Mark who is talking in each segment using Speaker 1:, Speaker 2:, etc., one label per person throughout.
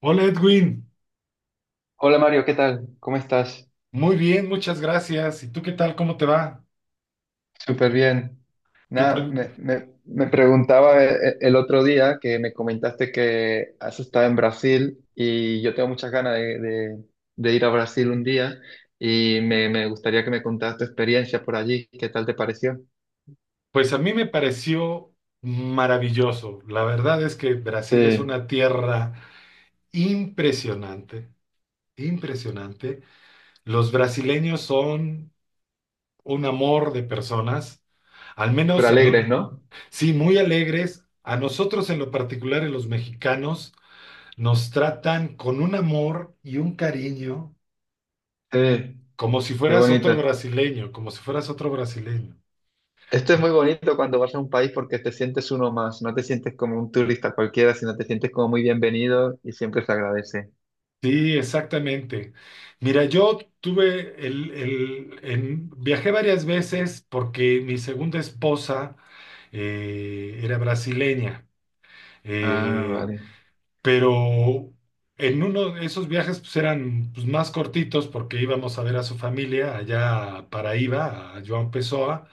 Speaker 1: Hola Edwin,
Speaker 2: Hola Mario, ¿qué tal? ¿Cómo estás?
Speaker 1: muy bien, muchas gracias. ¿Y tú qué tal? ¿Cómo te va?
Speaker 2: Súper bien.
Speaker 1: ¿Qué
Speaker 2: Nada,
Speaker 1: tal?
Speaker 2: me preguntaba el otro día que me comentaste que has estado en Brasil y yo tengo muchas ganas de ir a Brasil un día y me gustaría que me contaras tu experiencia por allí. ¿Qué tal te pareció?
Speaker 1: Pues a mí me pareció maravilloso. La verdad es que Brasil es
Speaker 2: Sí,
Speaker 1: una tierra impresionante, impresionante. Los brasileños son un amor de personas, al
Speaker 2: pero
Speaker 1: menos, a no-
Speaker 2: alegres, ¿no?
Speaker 1: sí, muy alegres. A nosotros en lo particular, en los mexicanos, nos tratan con un amor y un cariño
Speaker 2: Sí,
Speaker 1: como si
Speaker 2: qué
Speaker 1: fueras
Speaker 2: bonito.
Speaker 1: otro brasileño, como si fueras otro brasileño.
Speaker 2: Esto es muy bonito cuando vas a un país porque te sientes uno más, no te sientes como un turista cualquiera, sino te sientes como muy bienvenido y siempre se agradece.
Speaker 1: Sí, exactamente. Mira, yo tuve viajé varias veces porque mi segunda esposa era brasileña,
Speaker 2: Ah,
Speaker 1: eh,
Speaker 2: vale.
Speaker 1: pero en uno de esos viajes pues, eran pues, más cortitos porque íbamos a ver a su familia allá a Paraíba, a João Pessoa,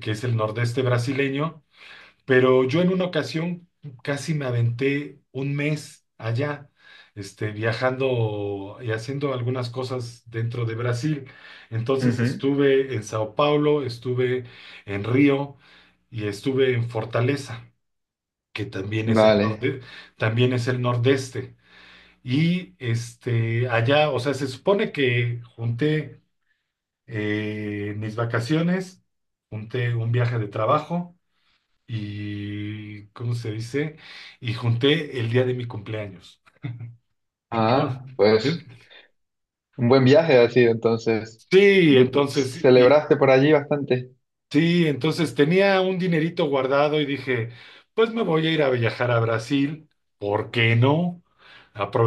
Speaker 1: que es el nordeste brasileño. Pero yo en una ocasión casi me aventé 1 mes allá, viajando y haciendo algunas cosas dentro de Brasil. Entonces
Speaker 2: Ujú.
Speaker 1: estuve en Sao Paulo, estuve en Río y estuve en Fortaleza, que también es el
Speaker 2: Vale.
Speaker 1: norte, también es el nordeste. Y allá, o sea, se supone que junté mis vacaciones, junté un viaje de trabajo y, ¿cómo se dice? Y junté el día de mi cumpleaños.
Speaker 2: Ah, pues un buen viaje ha sido entonces.
Speaker 1: Sí,
Speaker 2: ¿Celebraste por allí bastante?
Speaker 1: sí, entonces tenía un dinerito guardado y dije, pues me voy a ir a viajar a Brasil, ¿por qué no?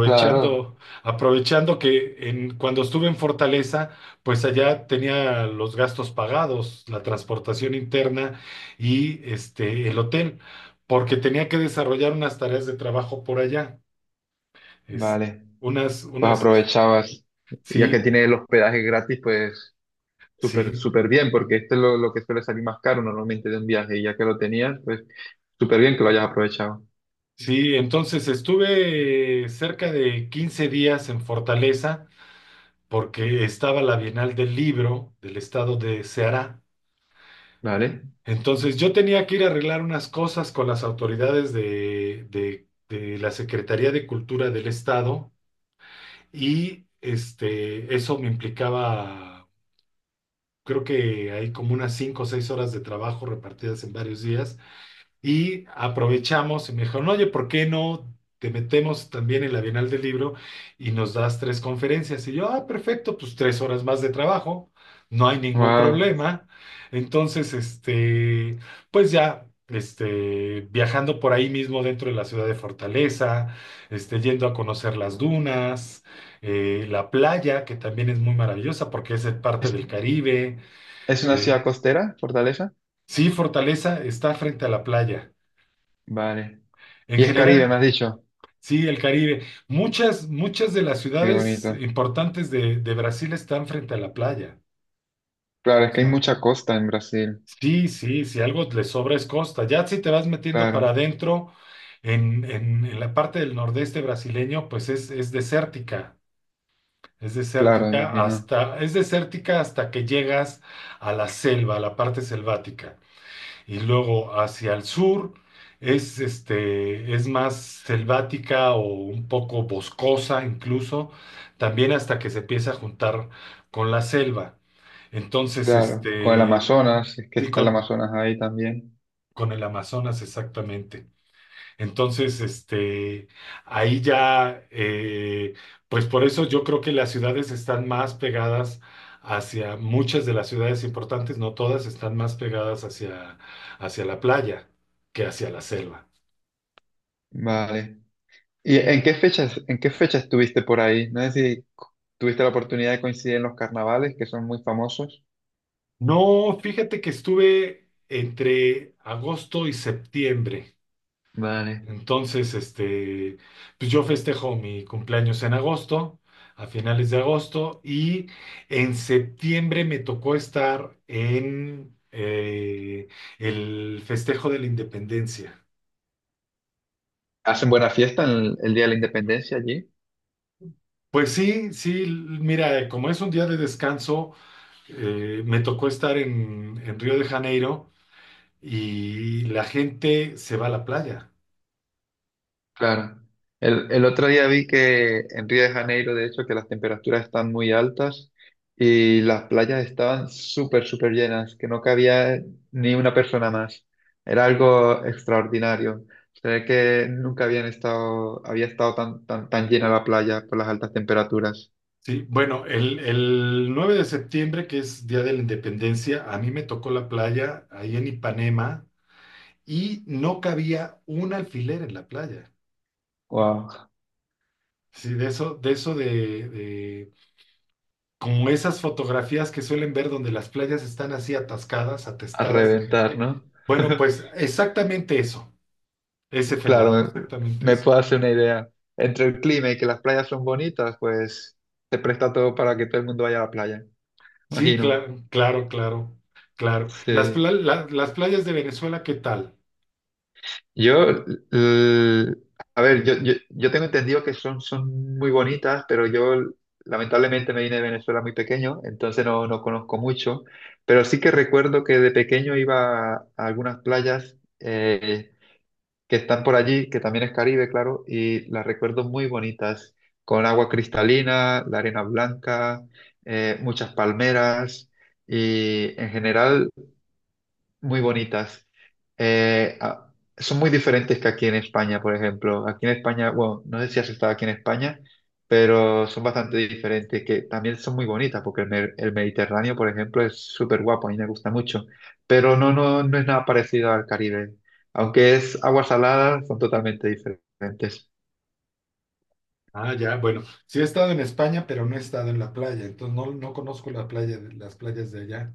Speaker 2: Claro.
Speaker 1: aprovechando que en, cuando estuve en Fortaleza, pues allá tenía los gastos pagados, la transportación interna y el hotel, porque tenía que desarrollar unas tareas de trabajo por allá. Es,
Speaker 2: Vale.
Speaker 1: unas,
Speaker 2: Pues
Speaker 1: unas, es-
Speaker 2: aprovechabas. Ya que
Speaker 1: sí,
Speaker 2: tiene el hospedaje gratis, pues súper,
Speaker 1: sí,
Speaker 2: súper bien, porque este es lo que suele salir más caro normalmente de un viaje. Y ya que lo tenías, pues súper bien que lo hayas aprovechado.
Speaker 1: sí. Entonces estuve cerca de 15 días en Fortaleza porque estaba la Bienal del Libro del estado de Ceará.
Speaker 2: Vale.
Speaker 1: Entonces yo tenía que ir a arreglar unas cosas con las autoridades de la Secretaría de Cultura del estado y eso me implicaba, creo que hay como unas 5 o 6 horas de trabajo repartidas en varios días. Y aprovechamos y me dijeron, oye, ¿por qué no te metemos también en la Bienal del Libro y nos das 3 conferencias? Y yo, ah, perfecto, pues 3 horas más de trabajo, no hay ningún
Speaker 2: Wow.
Speaker 1: problema. Entonces, este, pues ya, viajando por ahí mismo dentro de la ciudad de Fortaleza, yendo a conocer las dunas, la playa, que también es muy maravillosa porque es parte
Speaker 2: ¿Es,
Speaker 1: del Caribe.
Speaker 2: ¿Es una ciudad
Speaker 1: Eh,
Speaker 2: costera, Fortaleza?
Speaker 1: sí, Fortaleza está frente a la playa.
Speaker 2: Vale.
Speaker 1: En
Speaker 2: Y es Caribe, me has
Speaker 1: general,
Speaker 2: dicho.
Speaker 1: sí, el Caribe. Muchas, muchas de las
Speaker 2: Qué
Speaker 1: ciudades
Speaker 2: bonito.
Speaker 1: importantes de Brasil están frente a la playa.
Speaker 2: Claro,
Speaker 1: O
Speaker 2: es que hay
Speaker 1: sea,
Speaker 2: mucha costa en Brasil.
Speaker 1: sí, sí, si algo le sobra es costa. Ya si te vas metiendo para
Speaker 2: Claro.
Speaker 1: adentro, en la parte del nordeste brasileño, pues es desértica.
Speaker 2: Claro, imagino.
Speaker 1: Es desértica hasta que llegas a la selva, a la parte selvática. Y luego hacia el sur es, es más selvática o un poco boscosa incluso, también hasta que se empieza a juntar con la selva. Entonces,
Speaker 2: Claro, con el
Speaker 1: este,
Speaker 2: Amazonas, si es que
Speaker 1: sí,
Speaker 2: está el Amazonas ahí también.
Speaker 1: con el Amazonas exactamente. Entonces, este, ahí ya, pues por eso yo creo que las ciudades están más pegadas hacia, muchas de las ciudades importantes, no todas, están más pegadas hacia, hacia la playa que hacia la selva.
Speaker 2: Vale. ¿En qué fecha estuviste por ahí? No sé si c- Tuviste la oportunidad de coincidir en los carnavales, que son muy famosos.
Speaker 1: No, fíjate que estuve entre agosto y septiembre.
Speaker 2: Vale.
Speaker 1: Entonces, este, pues yo festejo mi cumpleaños en agosto, a finales de agosto, y en septiembre me tocó estar en el festejo de la independencia.
Speaker 2: ¿Hacen buena fiesta en el Día de la Independencia allí?
Speaker 1: Pues sí, sí, mira, como es un día de descanso, me tocó estar en Río de Janeiro y la gente se va a la playa.
Speaker 2: Claro. El otro día vi que en Río de Janeiro, de hecho, que las temperaturas están muy altas y las playas estaban súper, súper llenas, que no cabía ni una persona más. Era algo extraordinario. Se ve que nunca habían estado, había estado tan llena la playa por las altas temperaturas.
Speaker 1: Sí, bueno, el 9 de septiembre, que es Día de la Independencia, a mí me tocó la playa ahí en Ipanema y no cabía un alfiler en la playa.
Speaker 2: Wow,
Speaker 1: Sí, de eso, como esas fotografías que suelen ver donde las playas están así atascadas,
Speaker 2: a
Speaker 1: atestadas de
Speaker 2: reventar,
Speaker 1: gente.
Speaker 2: ¿no?
Speaker 1: Bueno, pues exactamente eso, ese
Speaker 2: Claro,
Speaker 1: fenómeno, exactamente
Speaker 2: me
Speaker 1: eso.
Speaker 2: puedo hacer una idea. Entre el clima y que las playas son bonitas, pues se presta todo para que todo el mundo vaya a la playa.
Speaker 1: Sí,
Speaker 2: Imagino.
Speaker 1: claro, claro, claro, claro.
Speaker 2: Sí.
Speaker 1: Las playas de Venezuela, ¿qué tal?
Speaker 2: Yo, l- a ver, yo tengo entendido que son muy bonitas, pero yo lamentablemente me vine de Venezuela muy pequeño, entonces no conozco mucho, pero sí que recuerdo que de pequeño iba a algunas playas que están por allí, que también es Caribe, claro, y las recuerdo muy bonitas, con agua cristalina, la arena blanca, muchas palmeras, y en general muy bonitas. Son muy diferentes que aquí en España, por ejemplo. Aquí en España, bueno, no sé si has estado aquí en España, pero son bastante diferentes, que también son muy bonitas, porque el Mediterráneo, por ejemplo, es súper guapo, a mí me gusta mucho, pero no es nada parecido al Caribe. Aunque es agua salada, son totalmente diferentes.
Speaker 1: Ah, ya, bueno, sí he estado en España, pero no he estado en la playa, entonces no, no conozco las playas de allá.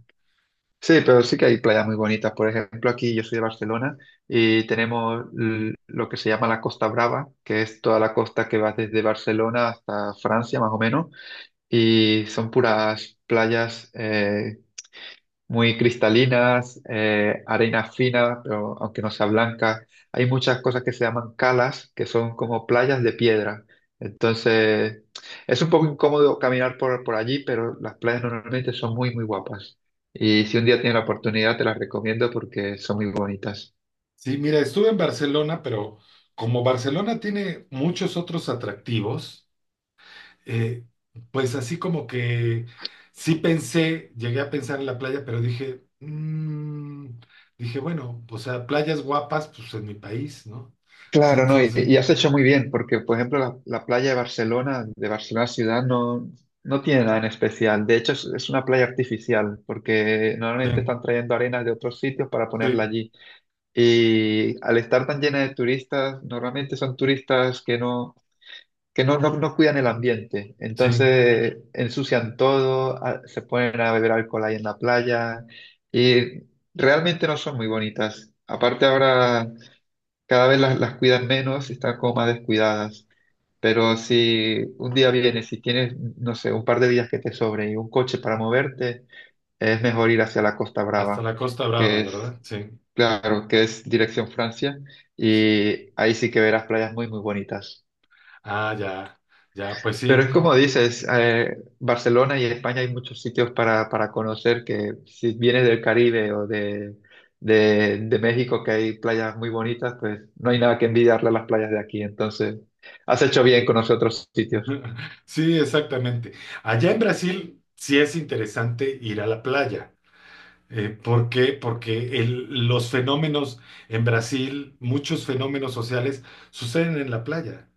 Speaker 2: Sí, pero sí que hay playas muy bonitas. Por ejemplo, aquí yo soy de Barcelona y tenemos lo que se llama la Costa Brava, que es toda la costa que va desde Barcelona hasta Francia, más o menos, y son puras playas muy cristalinas, arena fina, pero aunque no sea blanca. Hay muchas cosas que se llaman calas, que son como playas de piedra. Entonces, es un poco incómodo caminar por allí, pero las playas normalmente son muy, muy guapas. Y si un día tienes la oportunidad, te las recomiendo porque son muy bonitas.
Speaker 1: Sí, mira, estuve en Barcelona, pero como Barcelona tiene muchos otros atractivos, eh, pues así como que sí pensé, llegué a pensar en la playa, pero dije, dije, bueno, o sea, playas guapas, pues en mi país, ¿no?
Speaker 2: Claro, no,
Speaker 1: Entonces,
Speaker 2: y has hecho muy bien, porque por ejemplo la playa de Barcelona ciudad, no tiene nada en especial. De hecho, es una playa artificial, porque normalmente
Speaker 1: sí,
Speaker 2: están trayendo arenas de otros sitios para ponerla
Speaker 1: sí,
Speaker 2: allí. Y al estar tan llena de turistas, normalmente son turistas que no cuidan el ambiente.
Speaker 1: sí,
Speaker 2: Entonces ensucian todo, se ponen a beber alcohol ahí en la playa y realmente no son muy bonitas. Aparte ahora cada vez las cuidan menos y están como más descuidadas. Pero si un día vienes y tienes, no sé, un par de días que te sobren y un coche para moverte, es mejor ir hacia la Costa
Speaker 1: hasta
Speaker 2: Brava,
Speaker 1: la Costa Brava,
Speaker 2: que es,
Speaker 1: ¿verdad? Sí,
Speaker 2: claro, que es dirección Francia,
Speaker 1: sí.
Speaker 2: y ahí sí que verás playas muy, muy bonitas.
Speaker 1: Ah, ya, ya, pues
Speaker 2: Pero
Speaker 1: sí.
Speaker 2: es como dices, Barcelona y España hay muchos sitios para conocer que si vienes del Caribe de México, que hay playas muy bonitas, pues no hay nada que envidiarle a las playas de aquí. Entonces, has hecho bien con otros sitios.
Speaker 1: Sí, exactamente. Allá en Brasil sí es interesante ir a la playa. ¿Por qué? Porque los fenómenos en Brasil, muchos fenómenos sociales suceden en la playa.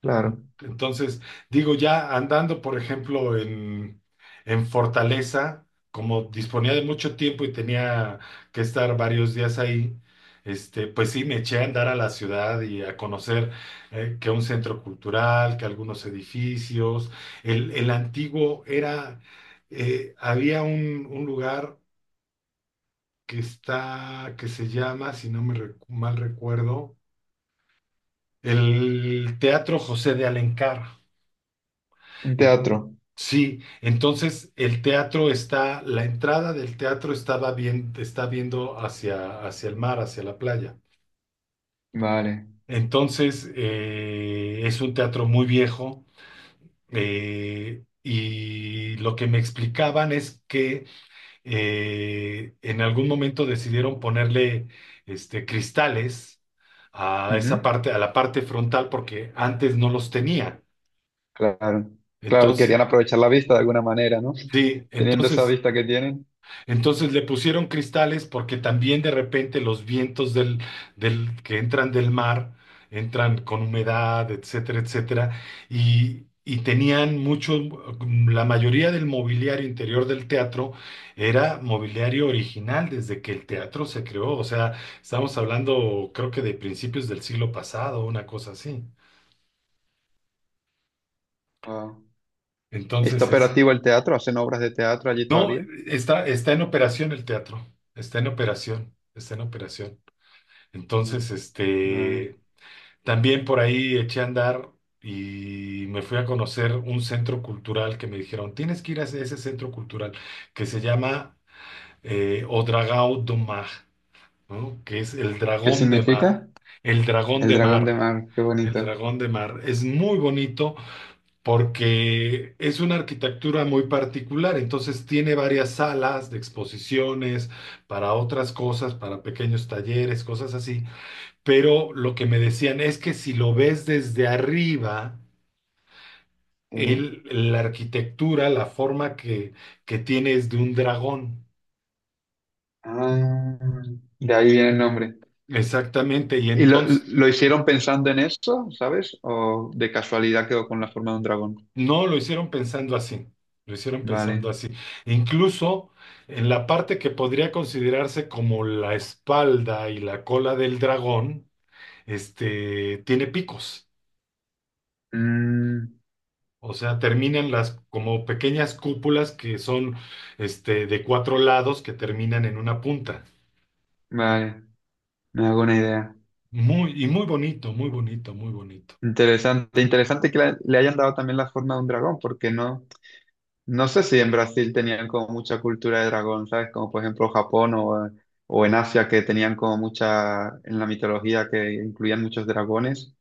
Speaker 2: Claro.
Speaker 1: Entonces, digo, ya andando, por ejemplo, en Fortaleza, como disponía de mucho tiempo y tenía que estar varios días ahí, pues sí, me eché a andar a la ciudad y a conocer que un centro cultural, que algunos edificios. El, el antiguo era, había un lugar que está, que se llama, si no me recu- mal recuerdo, el Teatro José de Alencar.
Speaker 2: Un teatro.
Speaker 1: Sí, entonces el teatro está, la entrada del teatro estaba bien, está viendo hacia, hacia el mar, hacia la playa.
Speaker 2: Vale.
Speaker 1: Entonces es un teatro muy viejo y lo que me explicaban es que en algún momento decidieron ponerle cristales a
Speaker 2: Ujú.
Speaker 1: esa parte, a la parte frontal porque antes no los tenía.
Speaker 2: Claro. Claro,
Speaker 1: Entonces,
Speaker 2: querían aprovechar la vista de alguna manera, ¿no?
Speaker 1: sí,
Speaker 2: Teniendo esa
Speaker 1: entonces
Speaker 2: vista que tienen.
Speaker 1: Entonces le pusieron cristales porque también de repente los vientos que entran del mar entran con humedad, etcétera, etcétera, y tenían mucho, la mayoría del mobiliario interior del teatro era mobiliario original desde que el teatro se creó, o sea, estamos hablando creo que de principios del siglo pasado, una cosa así.
Speaker 2: Wow. ¿Está
Speaker 1: Entonces, es-
Speaker 2: operativo el teatro? ¿Hacen obras de teatro allí
Speaker 1: no,
Speaker 2: todavía?
Speaker 1: está, está en operación el teatro, está en operación, está en operación.
Speaker 2: Ujú.
Speaker 1: Entonces,
Speaker 2: Vale.
Speaker 1: este, también por ahí eché a andar y me fui a conocer un centro cultural que me dijeron, tienes que ir a ese ese centro cultural que se llama O Dragão do Mar, ¿no? Que es el
Speaker 2: ¿Qué
Speaker 1: dragón de mar,
Speaker 2: significa?
Speaker 1: el dragón
Speaker 2: El
Speaker 1: de
Speaker 2: dragón
Speaker 1: mar,
Speaker 2: de mar, qué
Speaker 1: el
Speaker 2: bonito.
Speaker 1: dragón de mar. Es muy bonito porque es una arquitectura muy particular, entonces tiene varias salas de exposiciones para otras cosas, para pequeños talleres, cosas así, pero lo que me decían es que si lo ves desde arriba,
Speaker 2: Eh,
Speaker 1: el- la arquitectura, la forma que tiene es de un dragón.
Speaker 2: Ah, de ahí viene el nombre.
Speaker 1: Exactamente, y
Speaker 2: ¿Y lo,
Speaker 1: entonces
Speaker 2: ¿Lo hicieron pensando en eso, sabes? ¿O de casualidad quedó con la forma de un dragón?
Speaker 1: no lo hicieron pensando así, lo hicieron pensando
Speaker 2: Vale.
Speaker 1: así. Incluso en la parte que podría considerarse como la espalda y la cola del dragón, tiene picos.
Speaker 2: Mm,
Speaker 1: O sea, terminan las como pequeñas cúpulas que son de 4 lados que terminan en una punta.
Speaker 2: vale, me hago una idea.
Speaker 1: Muy, y muy bonito, muy bonito, muy bonito.
Speaker 2: Interesante, interesante que le hayan dado también la forma de un dragón, porque no, no sé si en Brasil tenían como mucha cultura de dragón, ¿sabes? Como por ejemplo Japón o en Asia que tenían como mucha, en la mitología que incluían muchos dragones.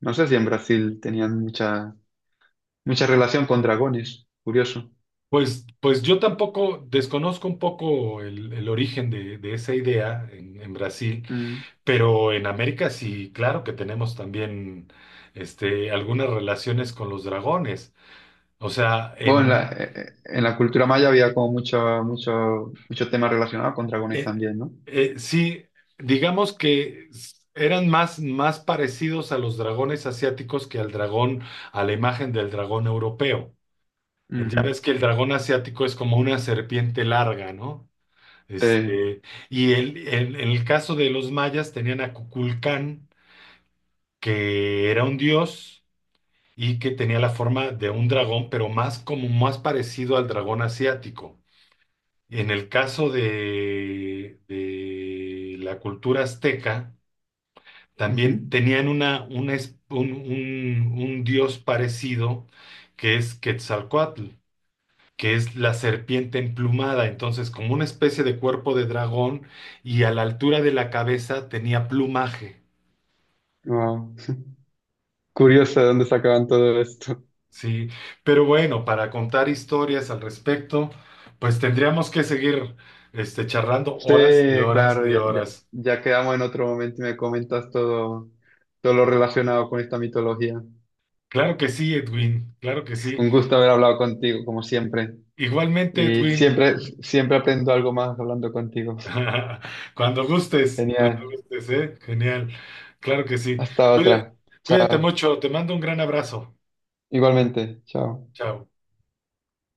Speaker 2: No sé si en Brasil tenían mucha relación con dragones, curioso.
Speaker 1: Pues yo tampoco desconozco un poco el origen de esa idea en Brasil,
Speaker 2: Mm.
Speaker 1: pero en América sí, claro que tenemos también algunas relaciones con los dragones. O sea,
Speaker 2: Bueno,
Speaker 1: en,
Speaker 2: en la cultura maya había como muchos temas relacionados con dragones
Speaker 1: eh,
Speaker 2: también, no.
Speaker 1: sí, digamos que eran más, más parecidos a los dragones asiáticos que al dragón, a la imagen del dragón europeo. Ya
Speaker 2: Ujú.
Speaker 1: ves que el dragón asiático es como una serpiente larga, ¿no?
Speaker 2: Eh,
Speaker 1: Este, y en el caso de los mayas tenían a Cuculcán, que era un dios y que tenía la forma de un dragón, pero más como más parecido al dragón asiático. En el caso de la cultura azteca, también
Speaker 2: ujú.
Speaker 1: tenían una es- un dios parecido que es Quetzalcóatl, que es la serpiente emplumada, entonces como una especie de cuerpo de dragón y a la altura de la cabeza tenía plumaje,
Speaker 2: Wow. Curioso de dónde sacaban todo esto.
Speaker 1: ¿sí? Pero bueno, para contar historias al respecto, pues tendríamos que seguir charlando
Speaker 2: Sí,
Speaker 1: horas y horas
Speaker 2: claro,
Speaker 1: y horas.
Speaker 2: ya quedamos en otro momento y me comentas todo lo relacionado con esta mitología.
Speaker 1: Claro que sí, Edwin, claro que sí.
Speaker 2: Un gusto haber hablado contigo, como siempre.
Speaker 1: Igualmente,
Speaker 2: Y
Speaker 1: Edwin,
Speaker 2: siempre aprendo algo más hablando contigo.
Speaker 1: cuando
Speaker 2: Genial.
Speaker 1: gustes, ¿eh? Genial, claro que sí.
Speaker 2: Hasta
Speaker 1: Cuida-
Speaker 2: otra.
Speaker 1: cuídate mucho, te mando un gran abrazo.
Speaker 2: Igualmente. Chao.
Speaker 1: Chao.